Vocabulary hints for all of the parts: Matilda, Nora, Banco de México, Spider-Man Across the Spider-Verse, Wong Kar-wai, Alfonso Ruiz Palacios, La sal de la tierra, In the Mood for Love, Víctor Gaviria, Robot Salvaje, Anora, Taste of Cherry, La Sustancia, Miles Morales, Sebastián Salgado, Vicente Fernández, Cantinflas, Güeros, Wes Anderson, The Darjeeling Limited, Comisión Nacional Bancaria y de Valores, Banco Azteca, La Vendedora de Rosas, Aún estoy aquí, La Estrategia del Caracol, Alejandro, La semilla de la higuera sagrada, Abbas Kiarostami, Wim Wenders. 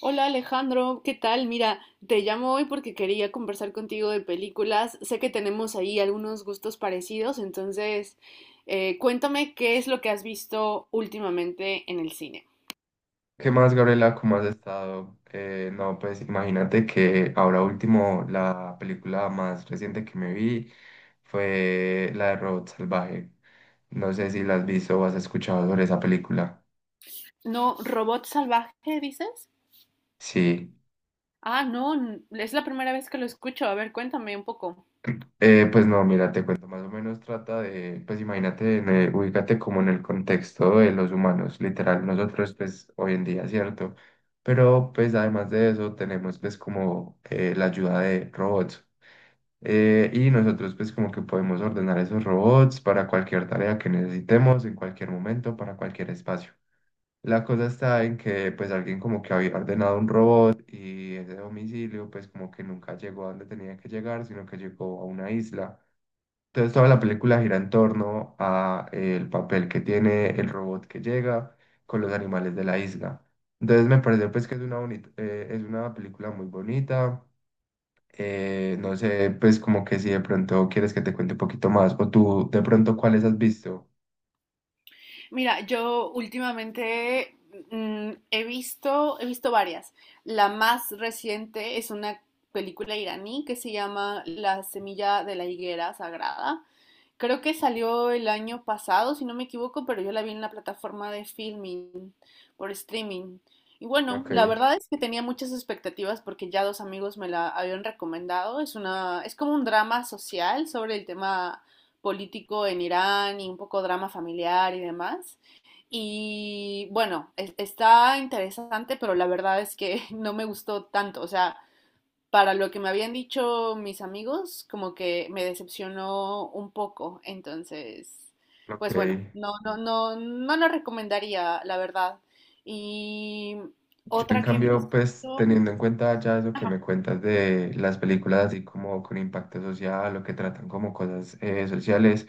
Hola Alejandro, ¿qué tal? Mira, te llamo hoy porque quería conversar contigo de películas. Sé que tenemos ahí algunos gustos parecidos, entonces cuéntame qué es lo que has visto últimamente en el cine. ¿Qué más, Gabriela? ¿Cómo has estado? No, pues imagínate que ahora último la película más reciente que me vi fue la de Robot Salvaje. No sé si la has visto o has escuchado sobre esa película. No, ¿Robot Salvaje, dices? Sí. Ah, no, es la primera vez que lo escucho. A ver, cuéntame un poco. Pues no, mira, te cuento más o menos trata de, pues imagínate, ubícate como en el contexto de los humanos, literal, nosotros pues hoy en día, ¿cierto? Pero pues además de eso tenemos pues como la ayuda de robots. Y nosotros pues como que podemos ordenar esos robots para cualquier tarea que necesitemos, en cualquier momento, para cualquier espacio. La cosa está en que pues alguien como que había ordenado un robot y ese domicilio pues como que nunca llegó a donde tenía que llegar, sino que llegó a una isla. Entonces toda la película gira en torno a el papel que tiene el robot que llega con los animales de la isla. Entonces me pareció pues que es una bonita, es una película muy bonita. No sé, pues como que si de pronto quieres que te cuente un poquito más, o tú de pronto cuáles has visto. Mira, yo últimamente he visto varias. La más reciente es una película iraní que se llama La semilla de la higuera sagrada. Creo que salió el año pasado, si no me equivoco, pero yo la vi en la plataforma de filming, por streaming. Y bueno, la Ok, verdad es que tenía muchas expectativas porque ya dos amigos me la habían recomendado. Es una, es como un drama social sobre el tema político en Irán y un poco drama familiar y demás. Y bueno, está interesante, pero la verdad es que no me gustó tanto. O sea, para lo que me habían dicho mis amigos, como que me decepcionó un poco. Entonces, ok. pues bueno, no, no, no lo recomendaría, la verdad. Y Yo en otra que he visto, cambio, pues teniendo en cuenta ya eso que me ajá, cuentas de las películas así como con impacto social o que tratan como cosas sociales,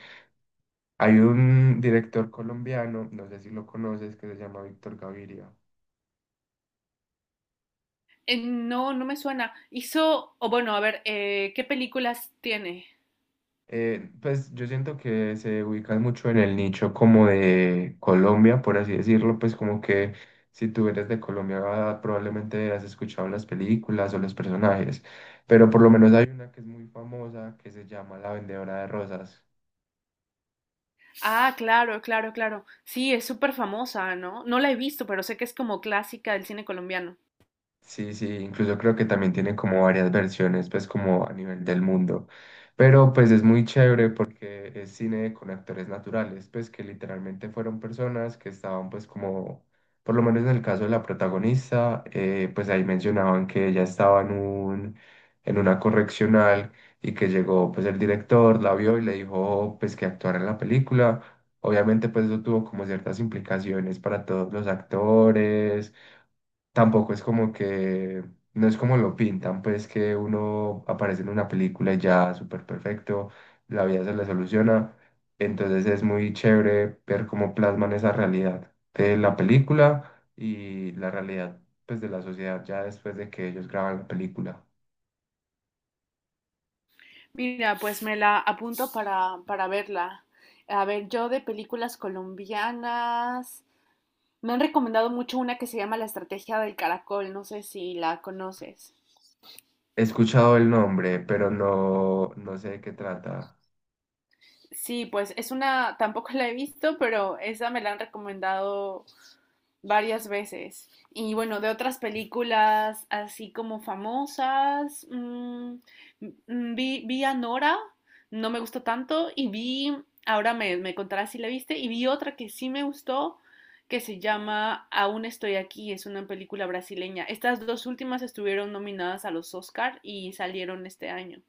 hay un director colombiano, no sé si lo conoces, que se llama Víctor Gaviria. No, no me suena. Hizo, o bueno, a ver, ¿qué películas tiene? Pues yo siento que se ubican mucho en el nicho como de Colombia, por así decirlo, pues como que si tú eres de Colombia ah, probablemente has escuchado las películas o los personajes, pero por lo menos hay una que es muy famosa que se llama La Vendedora de Rosas. Ah, claro, claro, claro. Sí, es súper famosa, ¿no? No la he visto, pero sé que es como clásica del cine colombiano. Sí, sí, incluso creo que también tiene como varias versiones, pues como a nivel del mundo. Pero pues es muy chévere porque es cine con actores naturales, pues que literalmente fueron personas que estaban pues como, por lo menos en el caso de la protagonista, pues ahí mencionaban que ella estaba en un, en una correccional y que llegó pues el director, la vio y le dijo pues que actuara en la película. Obviamente pues eso tuvo como ciertas implicaciones para todos los actores, tampoco es como que, no es como lo pintan, pues que uno aparece en una película y ya súper perfecto, la vida se le soluciona. Entonces es muy chévere ver cómo plasman esa realidad de la película y la realidad pues de la sociedad ya después de que ellos graban la película. Mira, pues me la apunto para verla. A ver, yo de películas colombianas. Me han recomendado mucho una que se llama La Estrategia del Caracol, no sé si la conoces. He escuchado el nombre, pero no, no sé de qué trata. Sí, pues es una, tampoco la he visto, pero esa me la han recomendado varias veces. Y bueno, de otras películas así como famosas, vi, vi a Nora, no me gustó tanto, y vi, ahora me, me contarás si la viste, y vi otra que sí me gustó, que se llama Aún estoy aquí, es una película brasileña. Estas dos últimas estuvieron nominadas a los Oscar y salieron este año.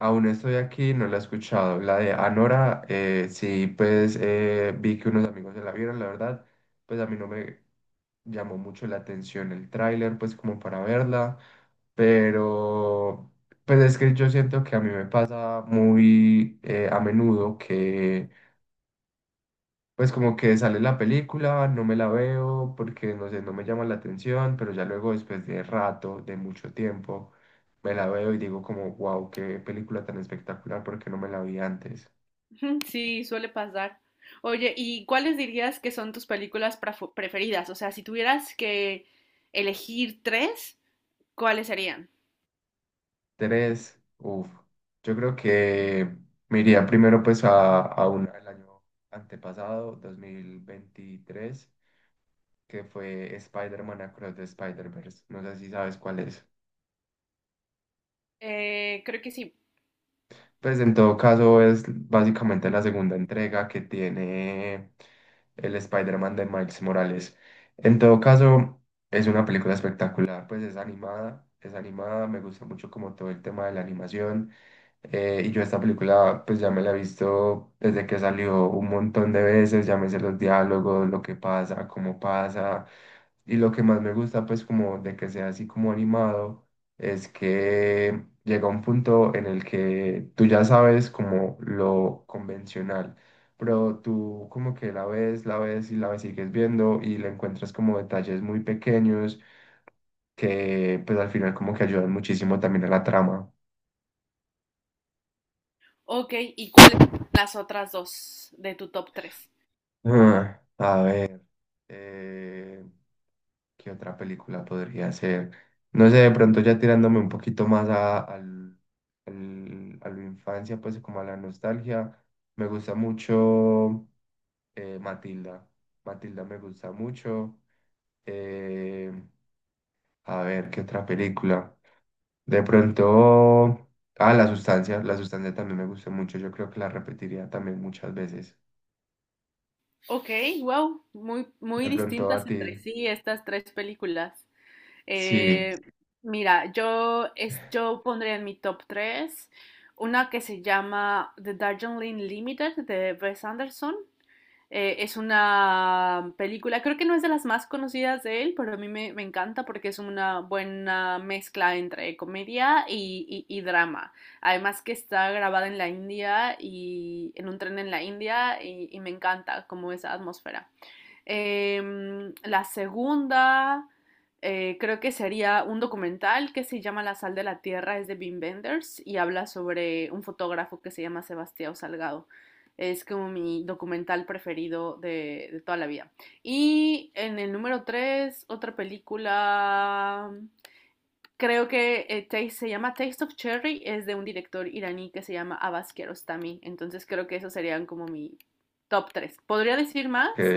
Aún estoy aquí, no la he escuchado. La de Anora, sí, pues vi que unos amigos se la vieron, la verdad, pues a mí no me llamó mucho la atención el tráiler, pues como para verla, pero pues es que yo siento que a mí me pasa muy a menudo, pues como que sale la película, no me la veo porque no sé, no me llama la atención, pero ya luego después de rato, de mucho tiempo, me la veo y digo como, wow, qué película tan espectacular porque no me la vi antes. Ujú, sí, suele pasar. Oye, ¿y cuáles dirías que son tus películas preferidas? O sea, si tuvieras que elegir tres, ¿cuáles serían? Tres, uff, yo creo que me iría primero pues a una del año antepasado, 2023, que fue Spider-Man Across the Spider-Verse. No sé si sabes cuál es. Creo que sí. Pues en todo caso es básicamente la segunda entrega que tiene el Spider-Man de Miles Morales. En todo caso es una película espectacular, pues es animada, me gusta mucho como todo el tema de la animación. Y yo esta película pues ya me la he visto desde que salió un montón de veces, ya me sé los diálogos, lo que pasa, cómo pasa. Y lo que más me gusta, pues, como de que sea así como animado, es que llega un punto en el que tú ya sabes como lo convencional, pero tú como que la ves y la ves, sigues viendo y le encuentras como detalles muy pequeños que, pues, al final como que ayudan muchísimo también a la trama. Ok, ¿y cuáles son las otras dos de tu top tres? Ah, a ver. eh, ¿Qué otra película podría ser? No sé, de pronto ya tirándome un poquito más a, a la infancia, pues como a la nostalgia, me gusta mucho Matilda. Matilda me gusta mucho. Eh, a ver, ¿qué otra película? De pronto, ah, La Sustancia. La Sustancia también me gusta mucho. Yo creo que la repetiría también muchas veces. Ok, wow, muy, muy De pronto a distintas ti, entre sí estas tres películas. sí, Eh, mira, yo pondría en mi top tres una que se llama The Darjeeling Limited de Wes Anderson. Es una película, creo que no es de las más conocidas de él, pero a mí me encanta porque es una buena mezcla entre comedia y, y drama. Además que está grabada en la India y en un tren en la India y me encanta como esa atmósfera. Em, la segunda creo que sería un documental que se llama La sal de la tierra, es de Wim Wenders y habla sobre un fotógrafo que se llama Sebastián Salgado. Es como mi documental preferido de toda la vida. Y en el número 3 otra película, creo que se llama Taste of Cherry, es de un director iraní que se llama Abbas Kiarostami. Entonces creo que esos serían como mi top tres. Podría decir ok. más,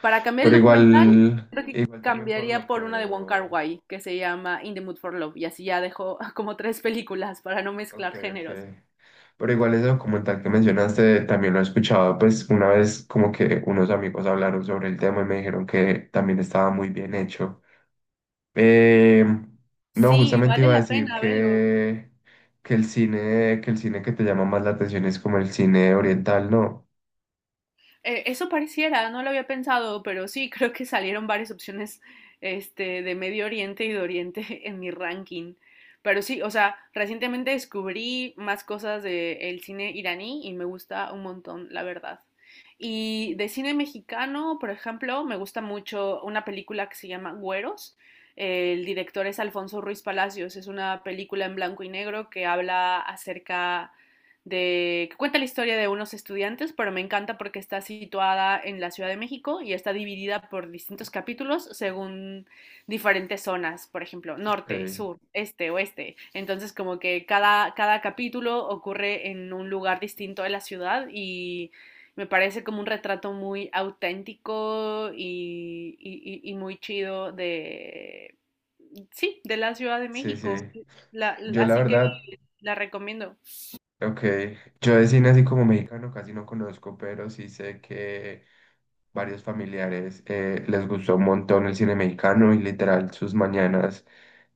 para cambiar el Pero documental, igual, creo que igual también por cambiaría lo que por una de Wong veo. Kar-wai que se llama In the Mood for Love y así ya dejo como tres películas para no mezclar Ok, ok. géneros. Pero igual ese documental que mencionaste también lo he escuchado, pues una vez como que unos amigos hablaron sobre el tema y me dijeron que también estaba muy bien hecho. Eh, no, Sí, justamente vale iba a la decir pena, velo. Que el cine, que el cine que te llama más la atención es como el cine oriental, ¿no? Eso pareciera, no lo había pensado, pero sí, creo que salieron varias opciones este, de Medio Oriente y de Oriente en mi ranking. Pero sí, o sea, recientemente descubrí más cosas del de cine iraní y me gusta un montón, la verdad. Y de cine mexicano, por ejemplo, me gusta mucho una película que se llama Güeros. El director es Alfonso Ruiz Palacios. Es una película en blanco y negro que habla acerca de, que cuenta la historia de unos estudiantes, pero me encanta porque está situada en la Ciudad de México y está dividida por distintos capítulos según diferentes zonas, por ejemplo, norte, Ok, sur, este, oeste. Entonces, como que cada capítulo ocurre en un lugar distinto de la ciudad y me parece como un retrato muy auténtico y muy chido de, sí, de la Ciudad de sí, sí. México. Yo la Así que verdad, la recomiendo. ok, yo de cine así como mexicano casi no conozco, pero sí sé que varios familiares les gustó un montón el cine mexicano y literal sus mañanas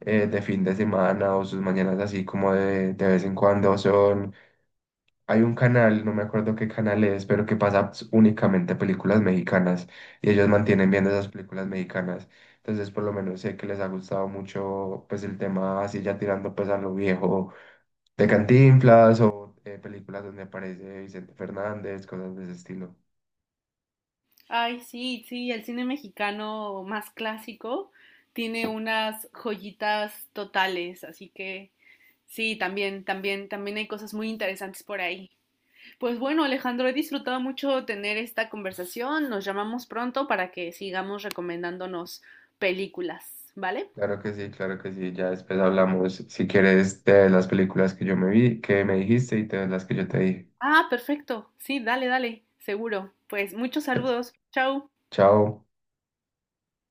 de fin de semana o sus mañanas así como de vez en cuando son... Hay un canal, no me acuerdo qué canal es, pero que pasa únicamente películas mexicanas y ellos mantienen viendo esas películas mexicanas. Entonces por lo menos sé que les ha gustado mucho pues el tema así ya tirando pues a lo viejo de Cantinflas o películas donde aparece Vicente Fernández, cosas de ese estilo. Ay, sí, sí, el cine mexicano más clásico tiene unas joyitas totales, así que sí, también, también hay cosas muy interesantes por ahí. Pues bueno, Alejandro, he disfrutado mucho tener esta conversación. Nos llamamos pronto para que sigamos recomendándonos películas, ¿vale? Claro que sí, claro que sí. Ya después hablamos, si quieres, de las películas que yo me vi, que me dijiste y de las que yo te dije. Ah, perfecto. Sí, dale, dale, seguro. Pues muchos saludos. Chao. Chao.